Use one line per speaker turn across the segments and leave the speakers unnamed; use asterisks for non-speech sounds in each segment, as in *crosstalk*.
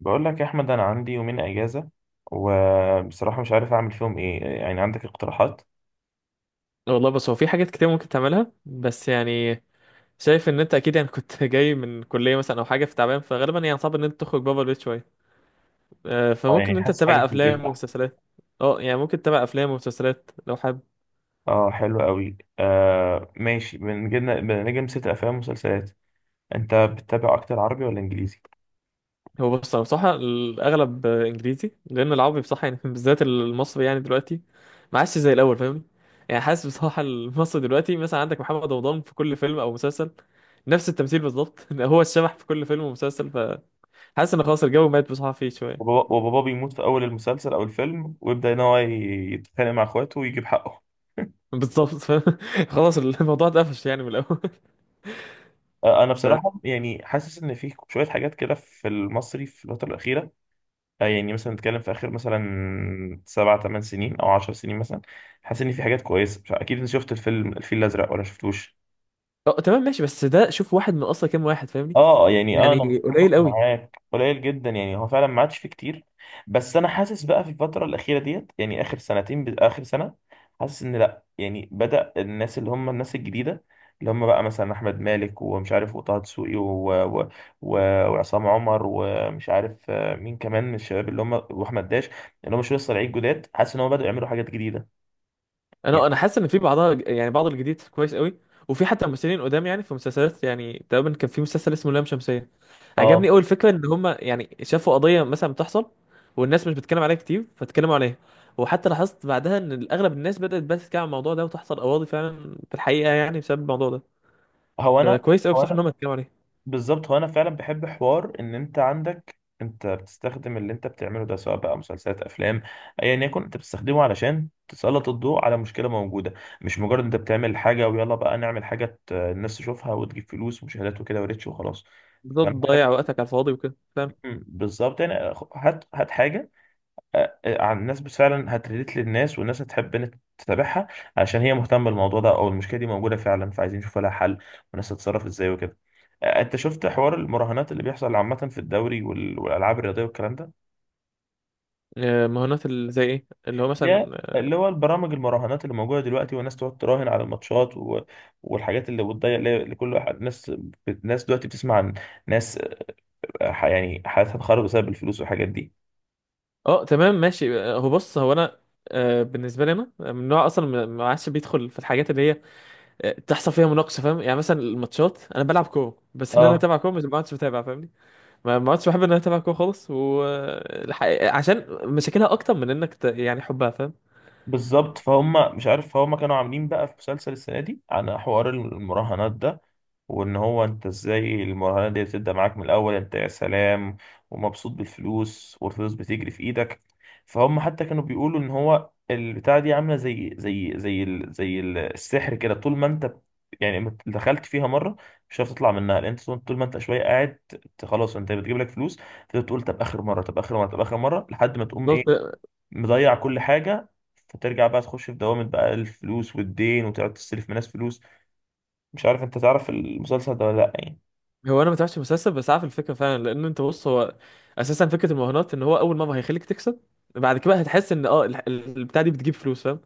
بقول لك يا احمد، انا عندي يومين اجازه. وبصراحه مش عارف اعمل فيهم ايه. يعني عندك اقتراحات؟
والله بس هو في حاجات كتير ممكن تعملها بس يعني شايف ان انت اكيد يعني كنت *laughs* جاي من كليه مثلا او حاجه في تعبان فغالبا يعني صعب ان انت تخرج بابا البيت شويه.
اه،
فممكن
يعني
ان انت
حاسس حاجه
تتابع
في البيت
افلام
احسن.
ومسلسلات. اه يعني ممكن تتابع افلام ومسلسلات لو حابب.
اه، حلو قوي. آه، ماشي. بنجي نسيت. افلام ومسلسلات. انت بتتابع اكتر عربي ولا انجليزي؟
هو بص انا بصراحه الاغلب انجليزي، لان العربي بصراحه يعني *laughs* بالذات المصري يعني دلوقتي ما عادش زي الاول فاهمني. يعني حاسس بصراحه المصري دلوقتي مثلا عندك محمد رمضان في كل فيلم او مسلسل، نفس التمثيل بالظبط. *laughs* هو الشبح في كل فيلم ومسلسل، فحاسس ان خلاص الجو مات بصراحه فيه شويه.
وبابا بيموت في اول المسلسل او الفيلم، ويبدا ان هو يتخانق مع اخواته ويجيب حقه. *laughs*
بالظبط، فاهم؟ *laughs* خلاص الموضوع اتقفش يعني من الاول.
انا
ف...
بصراحه، يعني حاسس ان في شويه حاجات كده في المصري في الفتره الاخيره. يعني مثلا نتكلم في اخر مثلا سبع ثمان سنين، او 10 سنين مثلا. حاسس ان في حاجات كويسه. مش عارف- اكيد انت شفت الفيلم الفيل الازرق ولا شفتوش؟
تمام ماشي، بس ده شوف واحد، من اصلا كام واحد فاهمني؟
اه، يعني انا
يعني
متفق
قليل قوي.
معاك. قليل جدا. يعني هو فعلا ما عادش فيه كتير. بس انا حاسس بقى في الفتره الاخيره ديت، يعني اخر سنتين، اخر سنه. حاسس ان لا، يعني بدا الناس اللي هم الناس الجديده. اللي هم بقى مثلا احمد مالك، ومش عارف، وطه دسوقي، و... و... و... وعصام عمر، ومش عارف مين كمان من الشباب، اللي هم واحمد داش. اللي هم شويه صراعيه جداد. حاسس ان هم بداوا يعملوا حاجات جديده. يعني
انا حاسس ان في بعضها، يعني بعض الجديد كويس قوي، وفي حتى ممثلين قدام. يعني في مسلسلات، يعني تقريبا كان في مسلسل اسمه لام شمسية، عجبني
اه
قوي الفكره، ان هم يعني شافوا قضيه مثلا بتحصل والناس مش بتتكلم عليها كتير فاتكلموا عليها. وحتى لاحظت بعدها ان اغلب الناس بدات بقى تتكلم عن الموضوع ده، وتحصل قواضي فعلا في الحقيقه يعني بسبب الموضوع ده.
هو انا
فكويس قوي
هو
بصح ان
انا
هم اتكلموا عليه.
بالظبط. هو انا فعلا بحب حوار ان انت عندك، انت بتستخدم اللي انت بتعمله ده سواء بقى مسلسلات افلام. ايا يكن انت بتستخدمه علشان تسلط الضوء على مشكله موجوده. مش مجرد انت بتعمل حاجه ويلا بقى نعمل حاجه الناس تشوفها وتجيب فلوس ومشاهدات وكده وريتش وخلاص.
بدل
فانا بحب.
تضيع وقتك على الفاضي وكده.
بالظبط. يعني هات هات حاجه. عن الناس بس فعلا هتريليت للناس، والناس هتحب ان إنت تتابعها. عشان هي مهتمه بالموضوع ده، او المشكله دي موجوده فعلا، فعايزين نشوف لها حل. والناس هتتصرف ازاي وكده. انت شفت حوار المراهنات اللي بيحصل عامه في الدوري والالعاب الرياضيه والكلام ده؟
مهارات اللي زي ايه، اللي هو مثلا؟
ده اللي هو البرامج المراهنات اللي موجوده دلوقتي، والناس تقعد تراهن على الماتشات والحاجات اللي بتضيع، اللي كل واحد ناس دلوقتي بتسمع عن ناس. يعني حياتها اتخرب بسبب الفلوس والحاجات دي.
اه، تمام ماشي. هو بص، هو انا بالنسبه لي انا من نوع اصلا ما عادش بيدخل في الحاجات اللي هي تحصل فيها مناقشه، فاهم؟ يعني مثلا الماتشات انا بلعب كوره، بس ان انا
اه،
اتابع كوره، مش ما عادش بتابع فاهمني. ما عادش بحب ان انا اتابع كوره خالص، و الحقيقة- عشان مشاكلها اكتر من انك ت... يعني حبها فاهم.
بالظبط. فهم مش عارف، فهم كانوا عاملين بقى في مسلسل السنة دي عن حوار المراهنات ده. وان هو انت ازاي المراهنات دي بتبدأ معاك من الاول، انت يا سلام، ومبسوط بالفلوس، والفلوس بتجري في ايدك. فهم حتى كانوا بيقولوا ان هو البتاعة دي عاملة زي السحر كده. طول ما انت يعني ما دخلت فيها مرة، مش هتعرف تطلع منها. لان انت طول ما انت شوية قاعد خلاص، انت بتجيب لك فلوس. فتقول طب اخر مرة، طب اخر مرة، طب اخر مرة، لحد ما تقوم
بالظبط.
إيه، مضيع كل حاجة. فترجع بقى تخش في دوامة بقى الفلوس والدين، وتقعد تستلف من ناس فلوس. مش عارف، انت تعرف المسلسل ده ولا لأ يعني؟
هو انا ما تابعتش المسلسل، بس عارف الفكره فعلا، لان انت بص، هو اساسا فكره المراهنات ان هو اول مره هيخليك تكسب، بعد كده هتحس ان اه ال- ال- البتاع دي بتجيب فلوس فاهم،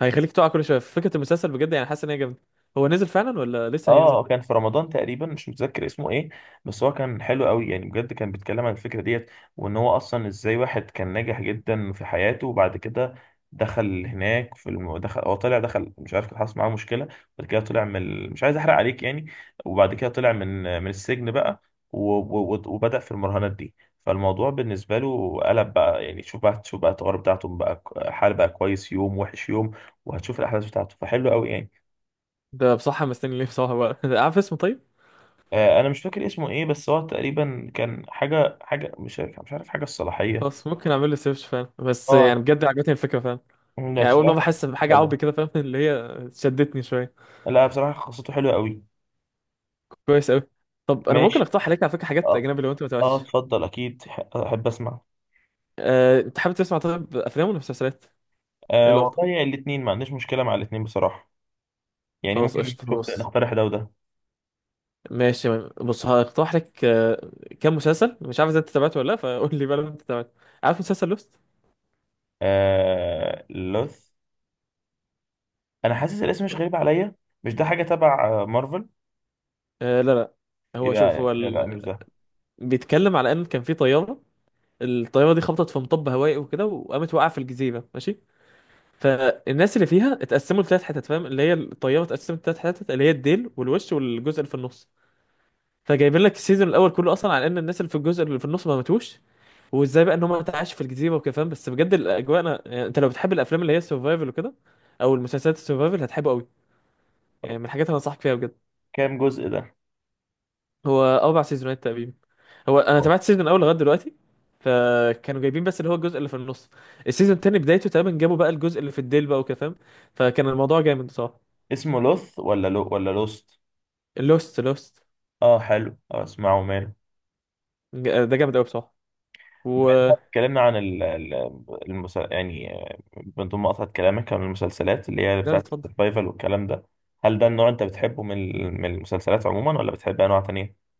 هيخليك تقع كل شويه. فكره المسلسل بجد يعني حاسس ان هي جامده. هو نزل فعلا ولا
اه.
لسه هينزل؟
كان في رمضان تقريبا، مش متذكر اسمه ايه. بس هو كان حلو قوي، يعني بجد كان بيتكلم عن الفكره ديت. وان هو اصلا ازاي واحد كان ناجح جدا في حياته، وبعد كده دخل هناك دخل. هو طلع دخل، مش عارف، كان حصل معاه مشكله. بعد كده طلع مش عايز احرق عليك يعني. وبعد كده طلع من السجن بقى، و... و... و- وبدأ في المراهنات دي. فالموضوع بالنسبه له قلب بقى، يعني شوف بقى، شوف بقى التجارب بتاعته بقى. حال بقى، كويس يوم وحش يوم. وهتشوف الاحداث بتاعته، فحلو قوي يعني.
ده بصراحه مستني ليه بصراحه بقى. *laughs* عارف اسمه طيب؟
انا مش فاكر اسمه ايه. بس هو تقريبا كان حاجه مش عارف، حاجه الصلاحيه.
خلاص ممكن اعمل له سيرش فعلا، بس
اه،
يعني بجد عجبتني الفكره فعلا.
لا
يعني اول مره
بصراحه كانت
بحس
قصته
بحاجه
حلوه.
عربي كده فاهم، *laughs* اللي هي شدتني شويه.
لا بصراحه قصته حلوه قوي.
كويس قوي. طب انا ممكن
ماشي.
اقترح عليك على فكره حاجات
اه،
اجنبي لو انت ما
اه،
تابعتش.
اتفضل اكيد احب اسمع.
أه... انت حابب تسمع طيب افلام ولا مسلسلات؟ ايه
آه،
الافضل؟
والله الاثنين ما عنديش مشكله مع الاثنين بصراحه. يعني
خلاص
ممكن
قشطة،
نشوف،
بص،
نقترح ده وده.
ماشي، بص هقترح لك كام مسلسل، مش عارف اذا انت تابعته ولا لا، فقول لي بقى لو انت تابعته. عارف مسلسل لوست؟
آه، لوث. انا حاسس الاسم مش غريب عليا. مش ده حاجه تبع مارفل؟
آه لا لا، هو شوف هو
يبقى
ال...
مش ده.
بيتكلم على ان كان في طيارة، الطيارة دي خبطت في مطب هوائي وكده وقامت وقع في الجزيرة ماشي. فالناس اللي فيها اتقسموا لثلاث حتت، فاهم؟ اللي هي الطيارة اتقسمت لثلاث حتت، اللي هي الديل والوش والجزء اللي في النص. فجايبين لك السيزون الاول كله اصلا على ان الناس اللي في الجزء اللي في النص ما ماتوش، وازاي بقى ان هم تعيش في الجزيره وكده فاهم. بس بجد الاجواء، انا يعني انت لو بتحب الافلام اللي هي السرفايفل وكده، او المسلسلات السرفايفل، هتحبه قوي. يعني من الحاجات اللي انصحك فيها بجد.
كام جزء ده؟
هو اربع سيزونات تقريبا. هو انا تابعت سيزون الاول لغايه دلوقتي، فكانوا جايبين بس اللي هو الجزء اللي في النص. السيزون التاني بدايته تقريبا جابوا بقى الجزء اللي في الديل بقى وكده فاهم. فكان الموضوع جامد بصراحه.
اسمه لوث، ولا لو، ولا لوست؟
لوست لوست.
اه، حلو. اسمعه ماله.
ده جامد قوي بصراحه.
بما إن
و
إحنا اتكلمنا عن يعني، من ضمن مقاطعة كلامك عن المسلسلات اللي هي
لا لا
بتاعت
اتفضل.
السرفايفل والكلام ده، هل ده النوع انت بتحبه من المسلسلات عموما، ولا بتحب انواع تانية؟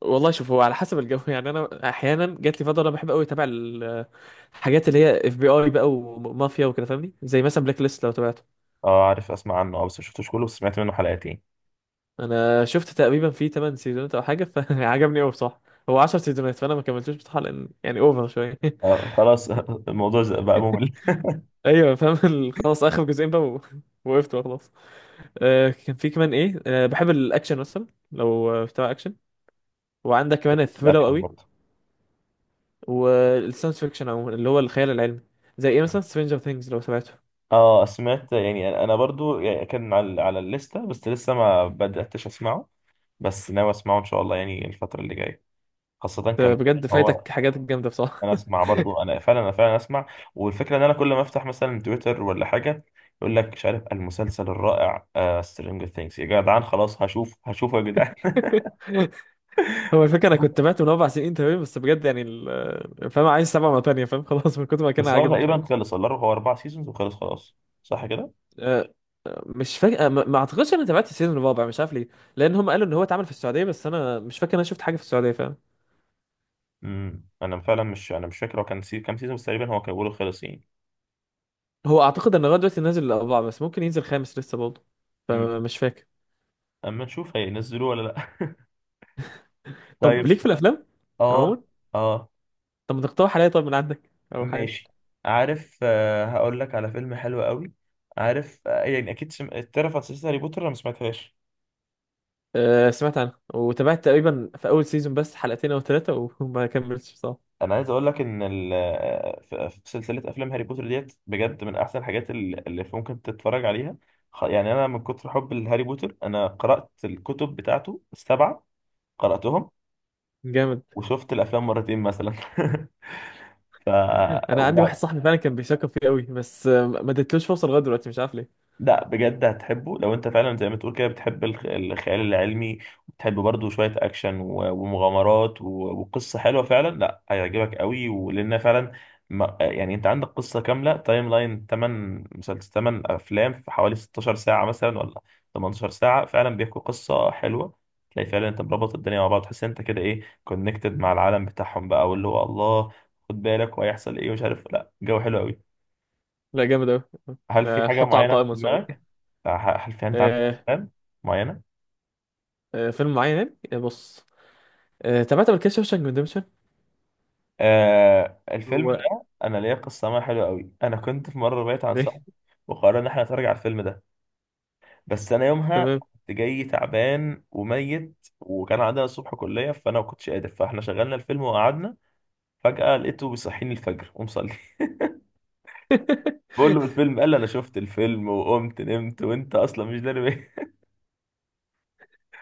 والله شوف، هو على حسب الجو. *laughs* يعني انا احيانا جات لي فتره انا بحب قوي اتابع ال- الحاجات اللي هي اف بي اي بقى ومافيا وكده فاهمني، زي مثلا بلاك ليست لو تابعته.
اه، عارف، اسمع عنه. اه، بس مشفتوش كله، بس سمعت منه حلقتين.
انا شفت تقريبا فيه 8 سيزونات او حاجه، فعجبني *laughs* قوي بصراحه. هو 10 سيزونات، فانا ما كملتوش بصراحه لان يعني اوفر شويه. *laughs*
اه، خلاص. *laughs* الموضوع بقى ممل.
ايوه فاهم ال- خلاص اخر جزئين بقى و- *laughs* وقفت بقى خلاص. آه كان في كمان ايه، آه بحب الاكشن مثلا، لو بتابع اكشن. وعندك كمان الثريلر
الاكشن
قوي،
برضه.
والساينس فيكشن عموما، اللي هو الخيال العلمي. زي ايه مثلا سترينجر ثينجز لو تابعته.
اه، سمعت. يعني انا برضو، يعني كان على الليستة، بس لسه ما بدأتش اسمعه. بس ناوي اسمعه ان شاء الله، يعني الفترة اللي جاية. خاصة كمان إن
بجد
هو.
فايتك حاجات جامده بصراحه.
انا اسمع برضو،
*laughs*
انا فعلا اسمع. والفكره ان انا كل ما افتح مثلا تويتر ولا حاجه، يقول لك، مش عارف، المسلسل الرائع سترينجر ثينجز يا جدعان. خلاص هشوفه يا جدعان. *laughs*
هو الفكره انا كنت بعت من اربع سنين تمام، بس بجد يعني ال- فاهم، عايز سبعه مره تانيه فاهم، *laughs* خلاص من كتر ما كان
بس هو
عاجبني فاهم.
تقريبا خلص. الله، هو 4 سيزونز وخلص خلاص. صح كده؟
أه، مش فاكر، ما اعتقدش انا تابعت السيزون الرابع، مش عارف ليه. لان هم قالوا ان هو اتعمل في السعوديه، بس انا مش فاكر إن انا شفت حاجه في السعوديه فاهم.
انا فعلا مش، انا مش فاكر. هو كان كام سيزون بس تقريبا. هو كان بيقولوا خلص يعني.
هو اعتقد ان لغايه دلوقتي نازل الاربعه، بس ممكن ينزل خامس لسه برضه،
امم
فمش فاكر.
اما نشوف هينزلوه ولا لا. *laughs*
طب
طيب.
ليك في الافلام
اه.
عموما،
اه،
طب ما تقترح عليا طيب من عندك، او حاجه.
ماشي. عارف، هقول لك على فيلم حلو قوي. عارف، يعني اكيد تعرف عن سلسله هاري بوتر؟ انا ما سمعتهاش.
أه سمعت عنه، وتابعت تقريبا في اول سيزون بس حلقتين او ثلاثه، وما كملتش بصراحه.
انا عايز اقول لك ان في سلسله افلام هاري بوتر ديت بجد من احسن الحاجات اللي ممكن تتفرج عليها. يعني انا من كتر حب لهاري بوتر، انا قرات الكتب بتاعته السبعه. قراتهم.
جامد.
وشفت الافلام مرتين مثلا. *laughs* ف،
انا عندي واحد صاحبي فعلا كان بيشكر فيه قوي، بس ما اديتلوش فرصه لغايه دلوقتي، مش عارف ليه.
لا بجد هتحبه لو انت فعلا زي ما تقول كده بتحب الخيال العلمي، وبتحب برضه شوية اكشن و- ومغامرات و- وقصة حلوة فعلا. لا هيعجبك قوي، ولان فعلا ما يعني انت عندك قصة كاملة، تايم لاين، 8 مسلسل، 8 افلام، في حوالي 16 ساعة مثلا، ولا 18 ساعة، فعلا بيحكوا قصة حلوة. تلاقي فعلا انت مربط الدنيا مع بعض، تحس انت كده ايه كونكتد مع العالم بتاعهم بقى، واللي هو الله خد بالك وهيحصل ايه، ومش عارف. لا، جو حلو قوي.
لا جامد قوي،
هل في حاجة
هحطه على
معينة في
القائمه ان شاء
دماغك؟
الله.
هل في أنت عندك
أه.
أفلام معينة؟
أه فيلم معين يعني، بص، أه تابعت قبل كده شوشانك ريدمشن.
الفيلم
هو.
ده أنا ليا قصة معاه حلوة قوي. أنا كنت في مرة بعيد عن
ليه؟
صاحبي، وقررنا إن إحنا نتفرج على الفيلم ده. بس أنا يومها
تمام.
كنت جاي تعبان وميت، وكان عندنا الصبح كلية، فأنا ما كنتش قادر، فإحنا شغلنا الفيلم وقعدنا. فجأة لقيته بيصحيني الفجر ومصلي. *laughs* بقول له
*laughs*
الفيلم، قال لي أنا شفت الفيلم وقمت نمت وأنت أصلا مش داري بيه.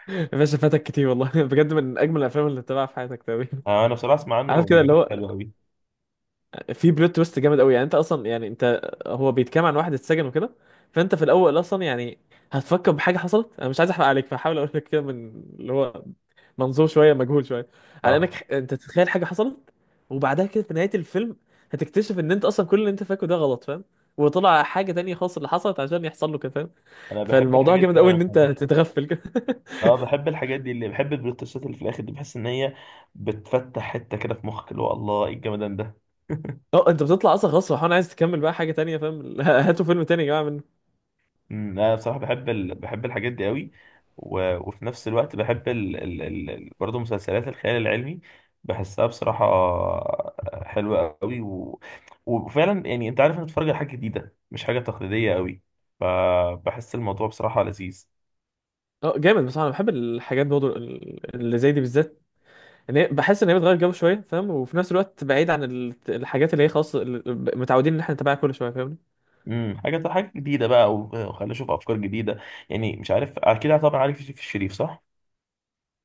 يا باشا فاتك كتير والله، *laughs* بجد من اجمل الافلام اللي تتابعها في حياتك تقريبا.
*laughs* أنا بصراحة أسمع
عارف
عنه،
كده اللي
بيقول
هو
حلو قوي.
في بلوت تويست جامد قوي. يعني انت اصلا يعني انت، هو بيتكلم عن واحد اتسجن وكده، فانت في الاول اصلا يعني هتفكر بحاجه حصلت، انا مش عايز احرق عليك فحاول اقول لك كده من اللي هو منظور شويه مجهول شويه، على انك
أه،
ح- انت تتخيل حاجه حصلت، وبعدها كده في نهايه الفيلم هتكتشف ان انت اصلا كل اللي انت فاكره ده غلط فاهم، وطلع حاجه تانية خالص اللي حصلت عشان يحصل له كده فاهم.
أنا بحب
فالموضوع
الحاجات
جامد
دي أوي
قوي ان انت
عموماً.
تتغفل كده. *laughs*
اه، بحب الحاجات دي، اللي بحب البلوتوثات اللي في الاخر دي، بحس ان هي بتفتح حته كده في مخك، اللي هو الله ايه الجمدان ده.
اه انت بتطلع اصلا خلاص فرحان، عايز تكمل بقى حاجه تانية فاهم، *laughs* هاتوا فيلم تاني يا جماعه.
انا بصراحه بحب بحب الحاجات دي قوي. وفي نفس الوقت بحب برضه مسلسلات الخيال العلمي. بحسها بصراحه حلوه قوي، وفعلا يعني انت عارف انك بتتفرج على حاجه جديده، مش حاجه تقليديه قوي. فبحس الموضوع بصراحه لذيذ.
اه جامد بصراحه، انا بحب الحاجات برضه ال- اللي زي دي بالذات، ان هي بحس ان هي بتغير جو شويه فاهم، وفي نفس الوقت بعيد عن ال- الحاجات اللي هي خلاص ال- متعودين ان احنا نتابعها كل شويه فاهمني.
حاجه جديده بقى و- وخلينا اشوف افكار جديده. يعني مش عارف، اكيد طبعا عارف يوسف الشريف، صح؟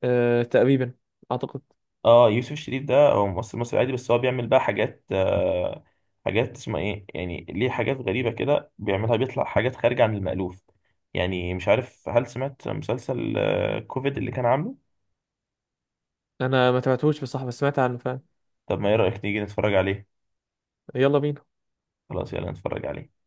أه تقريبا، اعتقد.
اه، يوسف الشريف ده هو ممثل مصري عادي. بس هو بيعمل بقى حاجات، حاجات اسمها ايه، يعني ليه حاجات غريبة كده بيعملها، بيطلع حاجات خارجة عن المألوف. يعني مش عارف، هل سمعت مسلسل كوفيد اللي كان عامله؟
انا ما تابعتهوش بصراحه، بس سمعت عنه فاهم.
طب ما ايه رأيك نيجي نتفرج عليه؟
يلا بينا.
خلاص، يلا نتفرج عليه.